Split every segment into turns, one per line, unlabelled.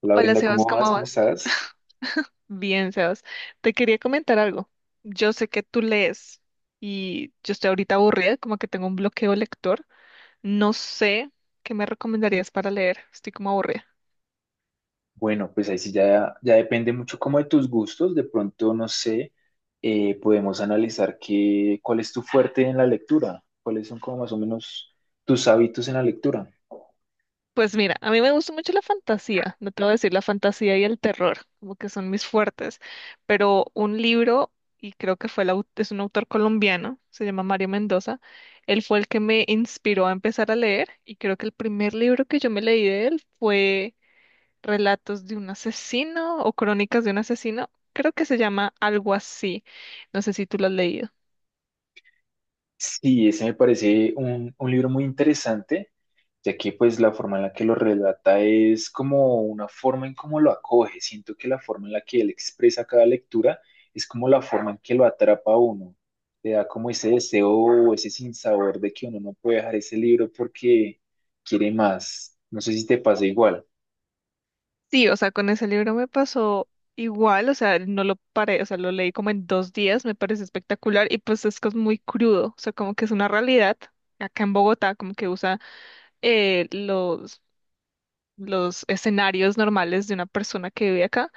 Hola
Hola
Brenda,
Sebas,
¿cómo vas?
¿cómo
¿Cómo
vas?
estás?
Bien, Sebas. Te quería comentar algo. Yo sé que tú lees y yo estoy ahorita aburrida, como que tengo un bloqueo lector. No sé qué me recomendarías para leer. Estoy como aburrida.
Bueno, pues ahí sí ya depende mucho como de tus gustos. De pronto, no sé, podemos analizar cuál es tu fuerte en la lectura, cuáles son como más o menos tus hábitos en la lectura.
Pues mira, a mí me gusta mucho la fantasía, no te voy a decir la fantasía y el terror, como que son mis fuertes, pero un libro, y creo que fue es un autor colombiano, se llama Mario Mendoza, él fue el que me inspiró a empezar a leer y creo que el primer libro que yo me leí de él fue Relatos de un asesino o Crónicas de un asesino. Creo que se llama algo así. No sé si tú lo has leído.
Sí, ese me parece un libro muy interesante, ya que pues la forma en la que lo relata es como una forma en cómo lo acoge. Siento que la forma en la que él expresa cada lectura es como la forma en que lo atrapa a uno. Te da como ese deseo o ese sinsabor de que uno no puede dejar ese libro porque quiere más. No sé si te pasa igual.
Sí, o sea, con ese libro me pasó igual, o sea, no lo paré, o sea, lo leí como en 2 días, me parece espectacular y pues es que es muy crudo, o sea, como que es una realidad acá en Bogotá, como que usa eh, los, los escenarios normales de una persona que vive acá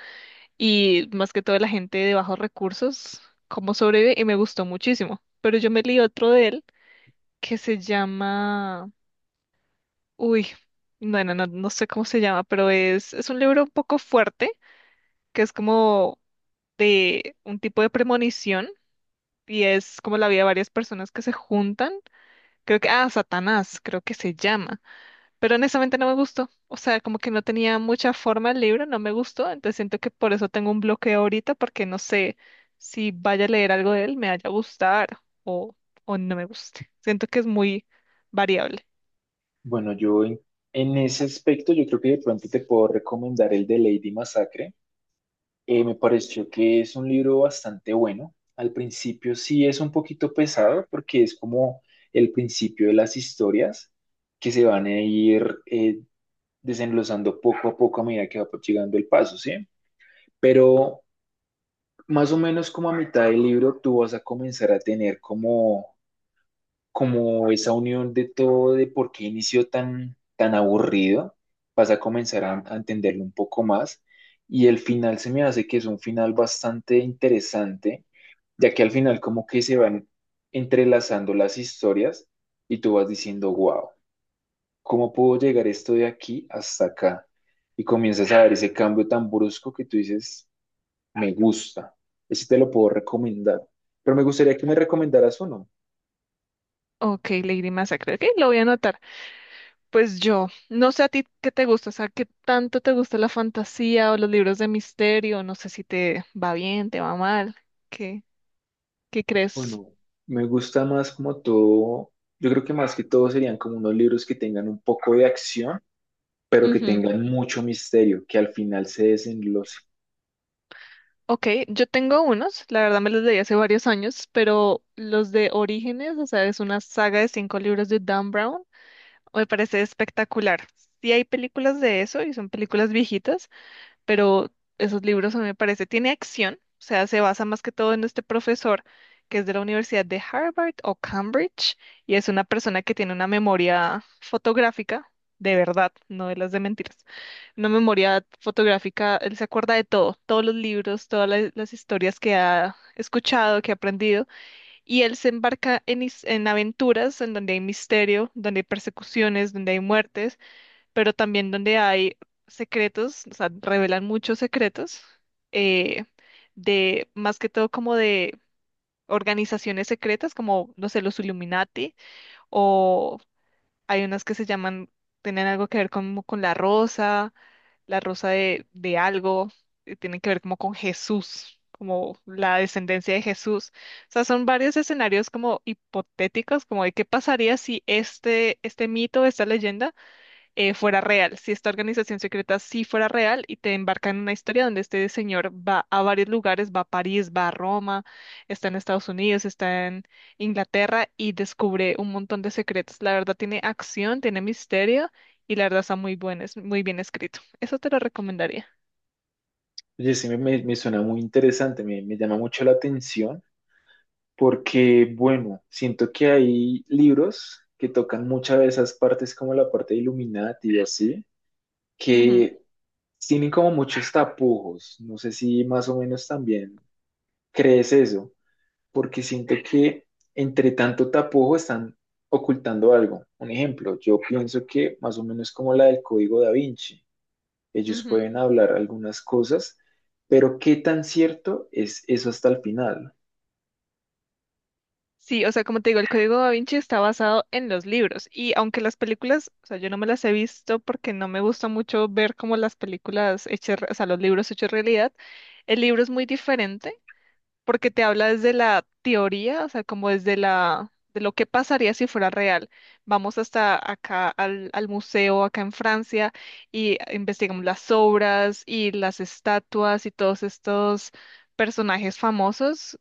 y más que todo la gente de bajos recursos, cómo sobrevive y me gustó muchísimo. Pero yo me leí otro de él que se llama, uy, bueno, no, no sé cómo se llama, pero es un libro un poco fuerte, que es como de un tipo de premonición y es como la vida de varias personas que se juntan. Creo que, ah, Satanás, creo que se llama, pero honestamente no me gustó, o sea, como que no tenía mucha forma el libro, no me gustó, entonces siento que por eso tengo un bloqueo ahorita, porque no sé si vaya a leer algo de él, me vaya a gustar o, o no me guste. Siento que es muy variable.
Bueno, en ese aspecto yo creo que de pronto te puedo recomendar el de Lady Masacre. Me pareció que es un libro bastante bueno. Al principio sí es un poquito pesado porque es como el principio de las historias que se van a ir desenlozando poco a poco a medida que va llegando el paso, ¿sí? Pero más o menos como a mitad del libro tú vas a comenzar a tener como esa unión de todo, de por qué inició tan aburrido, vas a comenzar a entenderlo un poco más. Y el final se me hace que es un final bastante interesante, ya que al final como que se van entrelazando las historias y tú vas diciendo, wow, ¿cómo puedo llegar esto de aquí hasta acá? Y comienzas a ver ese cambio tan brusco que tú dices, me gusta, ese te lo puedo recomendar. Pero me gustaría que me recomendaras uno.
Ok, Lady Massacre. Ok, lo voy a anotar. Pues yo, no sé a ti qué te gusta, o sea, qué tanto te gusta la fantasía o los libros de misterio, no sé si te va bien, te va mal, ¿qué, qué crees?
Bueno, me gusta más como todo, yo creo que más que todo serían como unos libros que tengan un poco de acción, pero que
Ujú.
tengan mucho misterio, que al final se desenlace.
Ok, yo tengo unos, la verdad me los leí hace varios años, pero los de Orígenes, o sea, es una saga de cinco libros de Dan Brown, me parece espectacular. Sí hay películas de eso y son películas viejitas, pero esos libros a mí me parece, tiene acción, o sea, se basa más que todo en este profesor que es de la Universidad de Harvard o Cambridge y es una persona que tiene una memoria fotográfica de verdad, no de las de mentiras. Una memoria fotográfica, él se acuerda de todo, todos los libros, todas las historias que ha escuchado, que ha aprendido y él se embarca en aventuras en donde hay misterio, donde hay persecuciones, donde hay muertes pero también donde hay secretos, o sea, revelan muchos secretos eh, de más que todo como de organizaciones secretas, como, no sé, los Illuminati, o hay unas que se llaman, tienen algo que ver como con la rosa de algo, y tienen que ver como con Jesús, como la descendencia de Jesús. O sea, son varios escenarios como hipotéticos, como de qué pasaría si este mito, esta leyenda fuera real, si esta organización secreta sí fuera real y te embarca en una historia donde este señor va a varios lugares, va a París, va a Roma, está en Estados Unidos, está en Inglaterra y descubre un montón de secretos. La verdad tiene acción, tiene misterio y la verdad está muy bueno, es muy bien escrito. Eso te lo recomendaría.
Oye, me suena muy interesante, me llama mucho la atención, porque bueno, siento que hay libros que tocan muchas de esas partes como la parte de Illuminati y así,
Ujú,
que tienen como muchos tapujos, no sé si más o menos también crees eso. Porque siento que entre tanto tapujo están ocultando algo. Un ejemplo, yo pienso que más o menos como la del Código Da Vinci, ellos
ujú.
pueden hablar algunas cosas, pero qué tan cierto es eso hasta el final.
Sí, o sea, como te digo, el Código Da Vinci está basado en los libros y aunque las películas, o sea, yo no me las he visto porque no me gusta mucho ver como las películas hechas, o sea, los libros hechos realidad, el libro es muy diferente porque te habla desde la teoría, o sea, como desde de lo que pasaría si fuera real. Vamos hasta acá al museo, acá en Francia, y investigamos las obras y las estatuas y todos estos personajes famosos.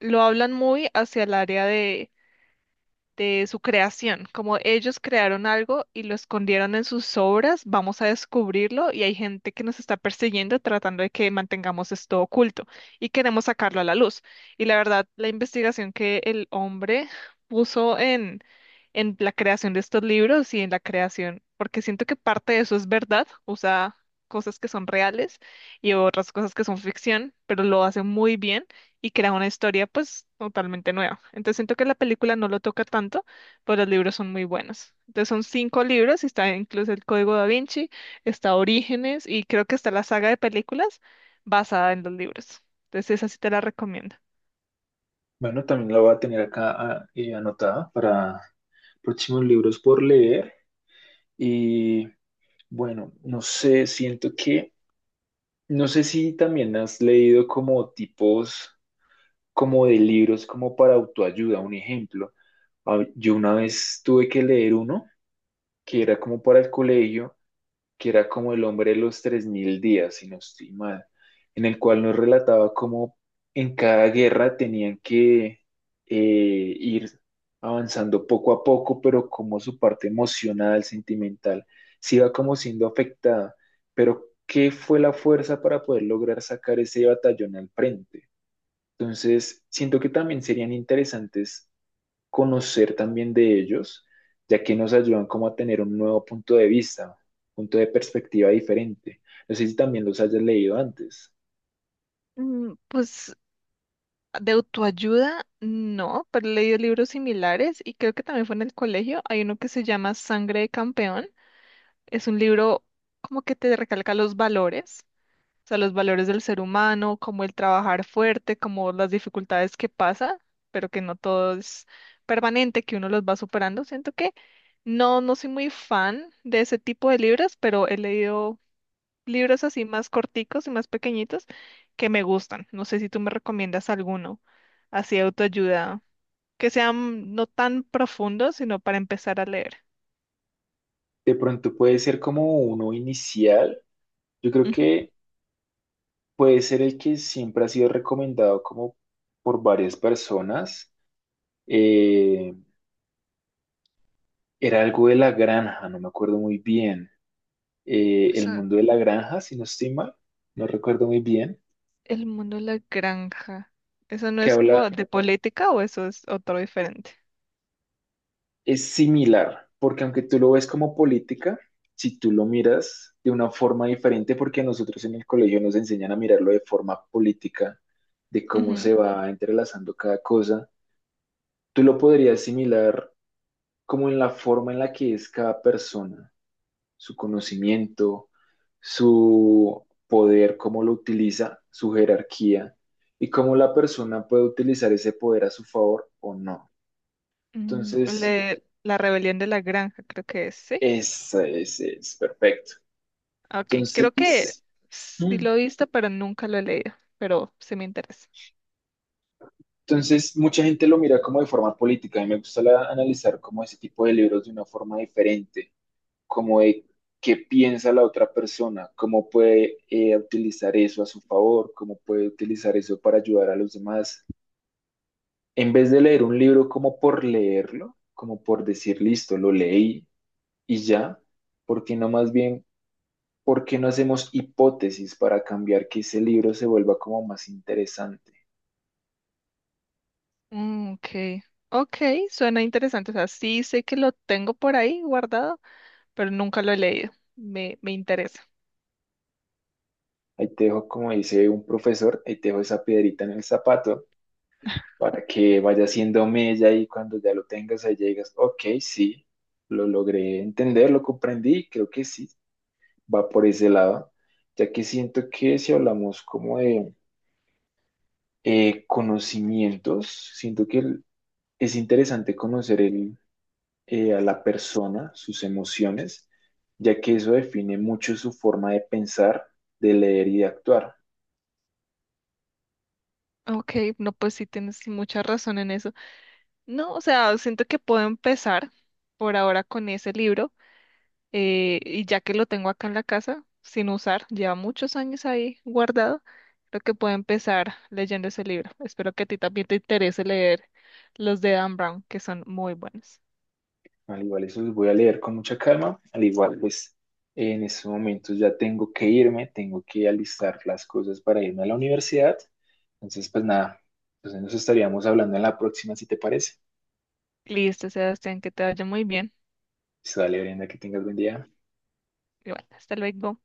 Lo hablan muy hacia el área de su creación, como ellos crearon algo y lo escondieron en sus obras, vamos a descubrirlo y hay gente que nos está persiguiendo tratando de que mantengamos esto oculto y queremos sacarlo a la luz. Y la verdad, la investigación que el hombre puso en la creación de estos libros y en la creación, porque siento que parte de eso es verdad, usa cosas que son reales y otras cosas que son ficción, pero lo hace muy bien y crea una historia pues totalmente nueva. Entonces siento que la película no lo toca tanto, pero los libros son muy buenos. Entonces son cinco libros, y está incluso el Código da Vinci, está Orígenes y creo que está la saga de películas basada en los libros. Entonces esa sí te la recomiendo.
Bueno, también la voy a tener acá anotada para próximos libros por leer. Y bueno, no sé, no sé si también has leído como tipos como de libros como para autoayuda. Un ejemplo, yo una vez tuve que leer uno que era como para el colegio, que era como El hombre de los 3000 días, si no estoy mal, en el cual nos relataba cómo en cada guerra tenían que ir avanzando poco a poco, pero como su parte emocional, sentimental, se iba como siendo afectada. Pero, ¿qué fue la fuerza para poder lograr sacar ese batallón al frente? Entonces, siento que también serían interesantes conocer también de ellos, ya que nos ayudan como a tener un nuevo punto de vista, punto de perspectiva diferente. No sé si también los hayas leído antes.
Pues de autoayuda, no, pero he leído libros similares y creo que también fue en el colegio. Hay uno que se llama Sangre de Campeón. Es un libro como que te recalca los valores. O sea, los valores del ser humano, como el trabajar fuerte, como las dificultades que pasa, pero que no todo es permanente, que uno los va superando. Siento que no, no soy muy fan de ese tipo de libros, pero he leído libros así más corticos y más pequeñitos que me gustan. No sé si tú me recomiendas alguno, así de autoayuda, que sean no tan profundos, sino para empezar a leer.
De pronto puede ser como uno inicial. Yo creo
Ujú.
que puede ser el que siempre ha sido recomendado como por varias personas. Eh, Era algo de la granja, no me acuerdo muy bien. El mundo de la granja, si no estoy mal, no recuerdo muy bien
El mundo de la granja. ¿Eso no
que
es
habla.
como de política o eso es otro diferente?
Es similar, porque aunque tú lo ves como política, si tú lo miras de una forma diferente, porque a nosotros en el colegio nos enseñan a mirarlo de forma política, de cómo se
Ujú.
va entrelazando cada cosa, tú lo podrías asimilar como en la forma en la que es cada persona, su conocimiento, su poder, cómo lo utiliza, su jerarquía y cómo la persona puede utilizar ese poder a su favor o no.
Mm,
Entonces,
le- la rebelión de la granja, creo que es, ¿sí?
es perfecto.
Ah, Ok, creo que
Entonces,
sí
mm,
lo he visto, pero nunca lo he leído, pero sí me interesa.
Mucha gente lo mira como de forma política. A mí me gusta analizar como ese tipo de libros de una forma diferente, como de qué piensa la otra persona, cómo puede utilizar eso a su favor, cómo puede utilizar eso para ayudar a los demás. En vez de leer un libro como por leerlo, como por decir, listo, lo leí y ya, porque no más bien, ¿por qué no hacemos hipótesis para cambiar que ese libro se vuelva como más interesante?
Mm, ok, ok, suena interesante. O sea, sí sé que lo tengo por ahí guardado, pero nunca lo he leído. Me interesa.
Ahí te dejo, como dice un profesor, ahí te dejo esa piedrita en el zapato para que vaya haciendo mella y cuando ya lo tengas ahí llegas, ok, sí, lo logré entender, lo comprendí, y creo que sí, va por ese lado, ya que siento que si hablamos como de conocimientos, siento que es interesante conocer a la persona, sus emociones, ya que eso define mucho su forma de pensar, de leer y de actuar.
Ok, no, pues sí tienes mucha razón en eso. No, o sea, siento que puedo empezar por ahora con ese libro y ya que lo tengo acá en la casa, sin usar, lleva muchos años ahí guardado, creo que puedo empezar leyendo ese libro. Espero que a ti también te interese leer los de Dan Brown, que son muy buenos.
Al igual, eso los voy a leer con mucha calma. Al igual, pues en estos momentos ya tengo que irme, tengo que alistar las cosas para irme a la universidad. Entonces, pues nada, entonces nos estaríamos hablando en la próxima, si te parece.
Listo, Sebastián, que te vaya muy bien.
Pues, dale, Brenda, que tengas buen día.
Y bueno, hasta luego.